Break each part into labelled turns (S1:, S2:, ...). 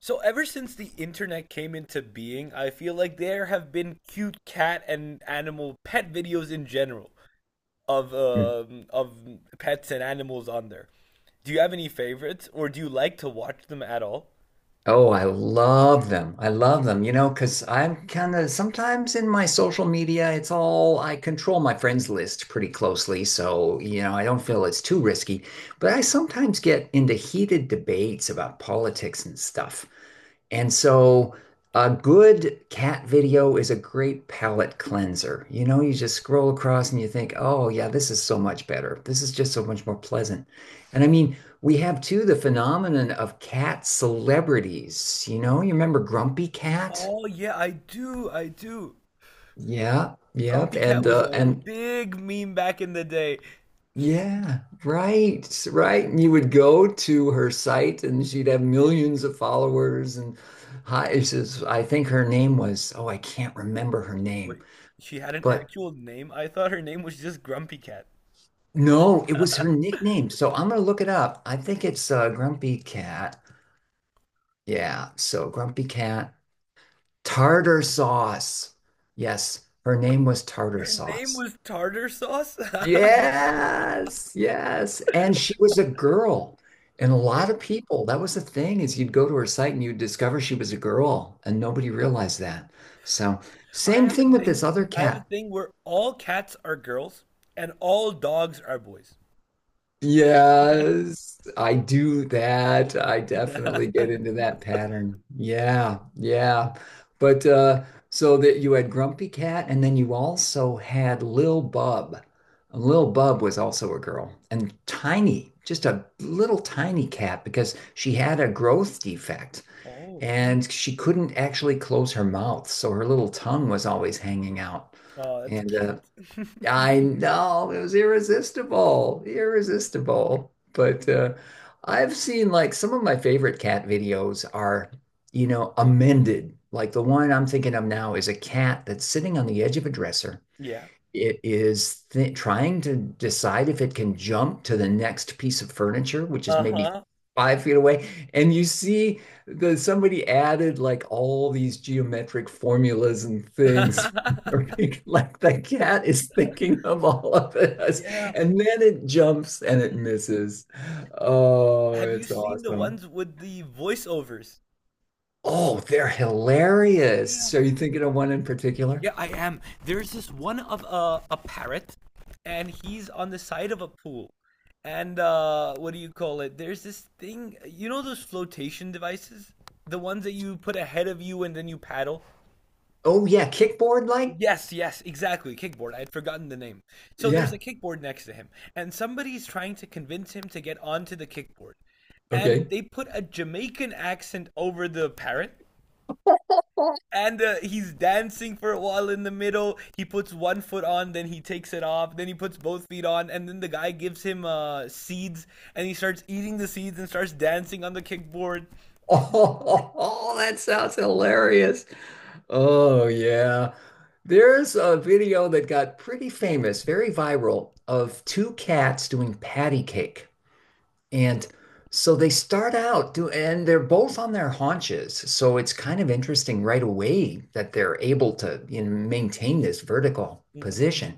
S1: So ever since the internet came into being, I feel like there have been cute cat and animal pet videos in general of
S2: Mm.
S1: um, of pets and animals on there. Do you have any favorites, or do you like to watch them at all?
S2: Oh, I love them. I love them, you know, because I'm kind of sometimes in my social media, it's all— I control my friends list pretty closely. So, you know, I don't feel it's too risky, but I sometimes get into heated debates about politics and stuff. And so a good cat video is a great palate cleanser. You know, you just scroll across and you think, oh, yeah, this is so much better. This is just so much more pleasant. And I mean, we have too the phenomenon of cat celebrities. You know, you remember Grumpy Cat?
S1: Oh yeah, I do, I do.
S2: Yeah, yep,
S1: Grumpy Cat
S2: and
S1: was
S2: uh,
S1: a
S2: and
S1: big meme back in the day.
S2: yeah, right, right. And you would go to her site, and she'd have millions of followers. And hi, it says, I think her name was— oh, I can't remember her
S1: Wait,
S2: name,
S1: she had an
S2: but
S1: actual name? I thought her name was just Grumpy Cat.
S2: no, it was her nickname. So I'm gonna look it up. I think it's Grumpy Cat. Yeah, so Grumpy Cat. Tartar sauce. Yes, her name was Tartar
S1: Her name
S2: Sauce.
S1: was Tartar Sauce?
S2: Yes, yes. And she was a girl. And a lot
S1: Yeah.
S2: of people, that was the thing, is you'd go to her site and you'd discover she was a girl, and nobody realized that. So,
S1: I
S2: same
S1: have a
S2: thing with this
S1: thing.
S2: other
S1: I have a
S2: cat.
S1: thing where all cats are girls and all dogs are boys.
S2: Yes, I do that. I definitely get into that pattern. Yeah, yeah. But so that you had Grumpy Cat and then you also had Lil Bub. And Lil Bub was also a girl and tiny, just a little tiny cat because she had a growth defect
S1: Oh,
S2: and she couldn't actually close her mouth, so her little tongue was always hanging out.
S1: oh, that's
S2: And
S1: cute.
S2: I know it was irresistible, irresistible. But I've seen, like, some of my favorite cat videos are, you know, amended. Like the one I'm thinking of now is a cat that's sitting on the edge of a dresser—
S1: Yeah.
S2: it is th trying to decide if it can jump to the next piece of furniture, which is maybe
S1: Uh-huh.
S2: 5 feet away. And you see the somebody added like all these geometric formulas and things. Like the cat is thinking of all of this.
S1: Yeah.
S2: And then it jumps and it misses. Oh,
S1: Have you
S2: it's
S1: seen the
S2: awesome.
S1: ones with the voiceovers?
S2: Oh, they're hilarious.
S1: Yeah.
S2: So, you thinking of one in particular?
S1: Yeah, I am. There's this one of a parrot, and he's on the side of a pool. And what do you call it? There's this thing, you know those flotation devices? The ones that you put ahead of you and then you paddle?
S2: Oh yeah, kickboard like?
S1: Yes, yes, exactly. Kickboard. I had forgotten the name. So there's
S2: Yeah.
S1: a kickboard next to him, and somebody's trying to convince him to get onto the kickboard. And
S2: Okay.
S1: they put a Jamaican accent over the parrot, and he's dancing for a while in the middle. He puts one foot on, then he takes it off, then he puts both feet on, and then the guy gives him seeds, and he starts eating the seeds and starts dancing on the kickboard.
S2: Oh, that sounds hilarious. Oh, yeah. There's a video that got pretty famous, very viral, of two cats doing patty cake. And so they start out do, and they're both on their haunches. So it's kind of interesting right away that they're able to, you know, maintain this vertical
S1: Mhm.
S2: position.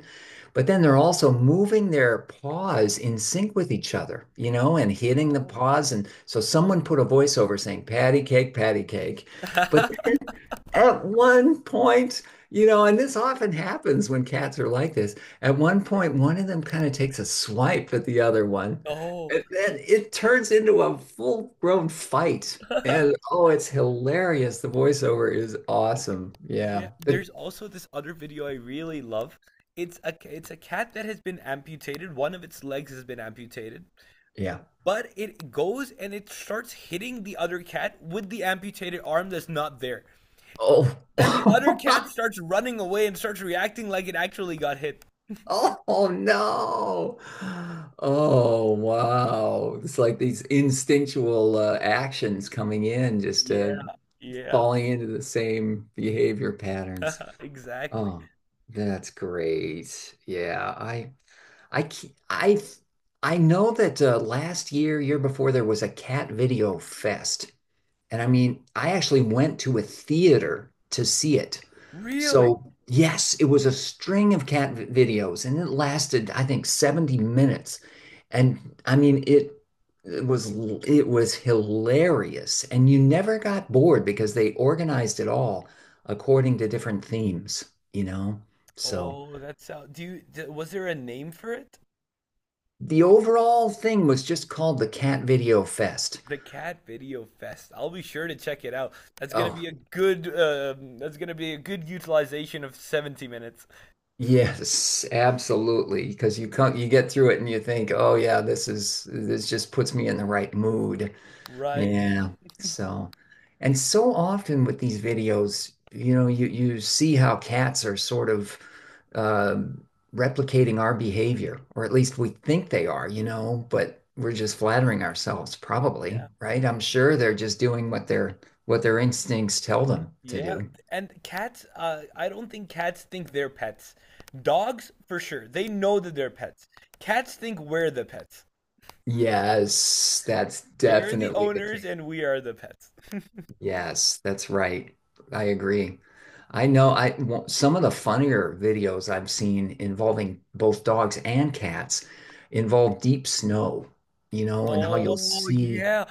S2: But then they're also moving their paws in sync with each other, you know, and hitting the
S1: Oh.
S2: paws. And so someone put a voiceover saying, patty cake, patty cake. But at one point, you know, and this often happens when cats are like this. At one point, one of them kind of takes a swipe at the other one,
S1: Oh,
S2: and then it turns into a full-grown fight. And oh, it's hilarious. The voiceover is awesome.
S1: yeah.
S2: Yeah. It-
S1: There's also this other video I really love. It's a cat that has been amputated. One of its legs has been amputated,
S2: yeah.
S1: but it goes and it starts hitting the other cat with the amputated arm that's not there.
S2: Oh.
S1: And the other cat starts running away and starts reacting like it actually got hit.
S2: Oh no. Oh wow. It's like these instinctual actions coming in just
S1: Yeah,
S2: to—
S1: yeah.
S2: falling into the same behavior patterns.
S1: Exactly.
S2: Oh, that's great. Yeah, I ke- I know that last year, year before, there was a cat video fest, and I mean, I actually went to a theater to see it.
S1: Really?
S2: So, yes, it was a string of videos and it lasted, I think, 70 minutes. And I mean, it was l- it was hilarious and you never got bored because they organized it all according to different themes, you know? So,
S1: Oh, that sound. Do you, d was there a name for it?
S2: the overall thing was just called the Cat Video Fest.
S1: The Cat Video Fest. I'll be sure to check it out. That's gonna
S2: Oh,
S1: be a good. That's gonna be a good utilization of 70 minutes.
S2: yes, absolutely. Because you come, you get through it and you think, oh yeah, this just puts me in the right mood.
S1: Right.
S2: Yeah. So, and so often with these videos, you know, you see how cats are sort of um replicating our behavior, or at least we think they are, you know, but we're just flattering ourselves, probably,
S1: Yeah.
S2: right? I'm sure they're just doing what their— what their instincts tell them to
S1: Yeah.
S2: do.
S1: And cats. I don't think cats think they're pets. Dogs, for sure. They know that they're pets. Cats think we're the pets.
S2: Yes, that's
S1: They're the
S2: definitely the
S1: owners
S2: case.
S1: and we are the pets.
S2: Yes, that's right. I agree. I know I w- some of the funnier videos I've seen involving both dogs and cats involve deep snow, you know, and how you'll
S1: Oh
S2: see,
S1: yeah.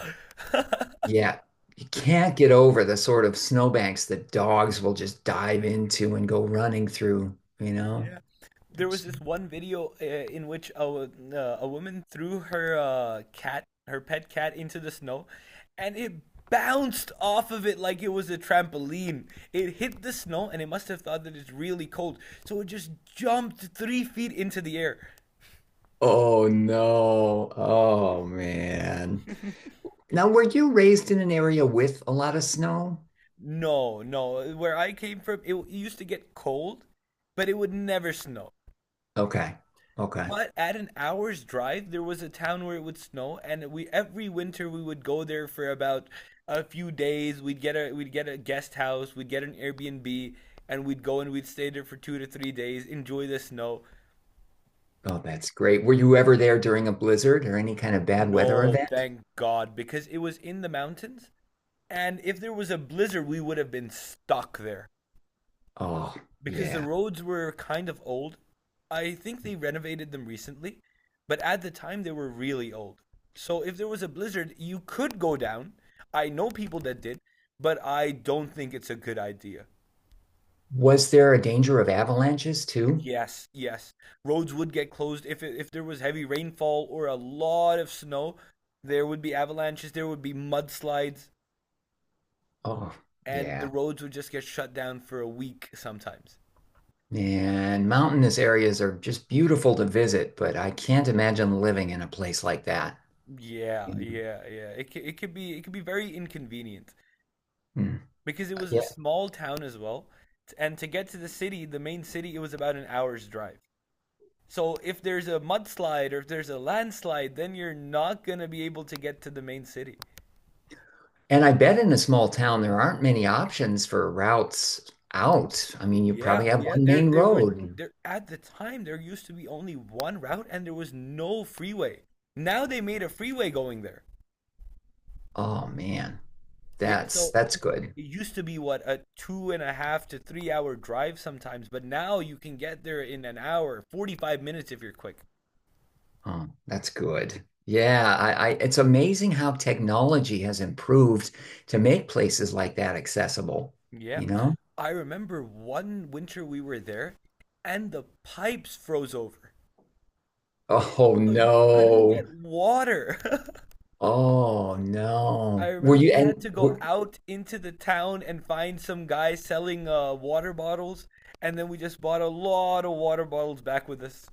S2: yeah, you can't get over the sort of snowbanks that dogs will just dive into and go running through, you know?
S1: Yeah. There was
S2: It's—
S1: this one video in which a woman threw her cat, her pet cat, into the snow, and it bounced off of it like it was a trampoline. It hit the snow, and it must have thought that it's really cold, so it just jumped 3 feet into the air.
S2: oh no. Oh man. Now, were you raised in an area with a lot of snow?
S1: No, no. Where I came from, it used to get cold, but it would never snow.
S2: Okay. Okay.
S1: But at an hour's drive, there was a town where it would snow, and we every winter we would go there for about a few days. We'd get a guest house, we'd get an Airbnb, and we'd go and we'd stay there for 2 to 3 days, enjoy the snow.
S2: Oh, that's great. Were you ever there during a blizzard or any kind of bad weather
S1: No,
S2: event?
S1: thank God, because it was in the mountains, and if there was a blizzard, we would have been stuck there.
S2: Oh,
S1: Because the
S2: yeah.
S1: roads were kind of old. I think they renovated them recently, but at the time they were really old. So if there was a blizzard, you could go down. I know people that did, but I don't think it's a good idea.
S2: Was there a danger of avalanches too?
S1: Yes, yes. Roads would get closed if there was heavy rainfall or a lot of snow. There would be avalanches, there would be mudslides,
S2: Oh,
S1: and the
S2: yeah.
S1: roads would just get shut down for a week sometimes.
S2: And mountainous areas are just beautiful to visit, but I can't imagine living in a place like that.
S1: Yeah,
S2: You know?
S1: yeah, yeah. It c- it could be very inconvenient.
S2: Hmm.
S1: Because it was a
S2: Yeah.
S1: small town as well. And to get to the city, the main city, it was about an hour's drive. So if there's a mudslide or if there's a landslide, then you're not gonna be able to get to the main city.
S2: And I bet in a small town there aren't many options for routes out. I mean, you
S1: Yeah,
S2: probably have
S1: yeah.
S2: one
S1: There,
S2: main
S1: there were
S2: road.
S1: there at the time there used to be only one route and there was no freeway. Now they made a freeway going there.
S2: Oh man,
S1: Yeah, so
S2: that's good.
S1: it used to be what a 2.5 to 3 hour drive sometimes, but now you can get there in an hour, 45 minutes if you're quick.
S2: Oh, that's good. Yeah, I it's amazing how technology has improved to make places like that accessible,
S1: Yeah.
S2: you know?
S1: I remember one winter we were there and the pipes froze over.
S2: Oh
S1: So you couldn't
S2: no.
S1: get water.
S2: Oh
S1: I
S2: no. Were
S1: remember
S2: you
S1: we
S2: and
S1: had to go
S2: were,
S1: out into the town and find some guy selling water bottles, and then we just bought a lot of water bottles back with us.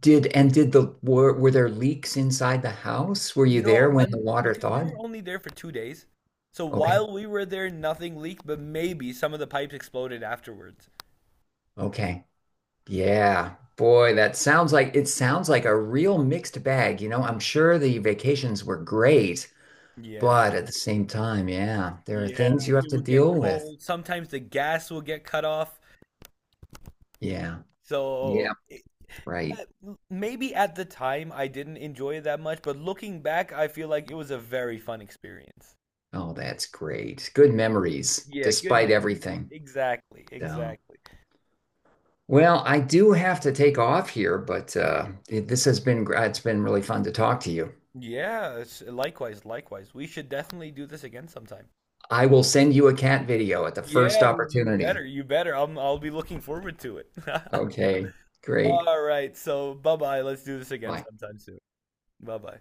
S2: did and did the were there leaks inside the house? Were you there
S1: No,
S2: when the
S1: un
S2: water
S1: because we were
S2: thawed?
S1: only there for 2 days. So
S2: Okay.
S1: while we were there, nothing leaked, but maybe some of the pipes exploded afterwards.
S2: Okay. Yeah. Boy, that sounds like it sounds like a real mixed bag, you know? I'm sure the vacations were great.
S1: Yeah.
S2: But at the same time, yeah, there are
S1: Yeah,
S2: things you have
S1: it
S2: to
S1: will get
S2: deal with.
S1: cold. Sometimes the gas will get cut off.
S2: Yeah. Yeah.
S1: So
S2: Right.
S1: uh, maybe at the time I didn't enjoy it that much, but looking back, I feel like it was a very fun experience.
S2: Oh, that's great. Good memories,
S1: Yeah, good
S2: despite
S1: memories.
S2: everything.
S1: Exactly,
S2: So,
S1: exactly.
S2: well, I do have to take off here, but this has been, it's been really fun to talk to you.
S1: Yeah, likewise, likewise. We should definitely do this again sometime.
S2: I will send you a cat video at the first
S1: Yeah, you
S2: opportunity.
S1: better, you better. I'll be looking forward to it.
S2: Okay. Great.
S1: All right, so bye-bye. Let's do this again
S2: Bye.
S1: sometime soon. Bye-bye.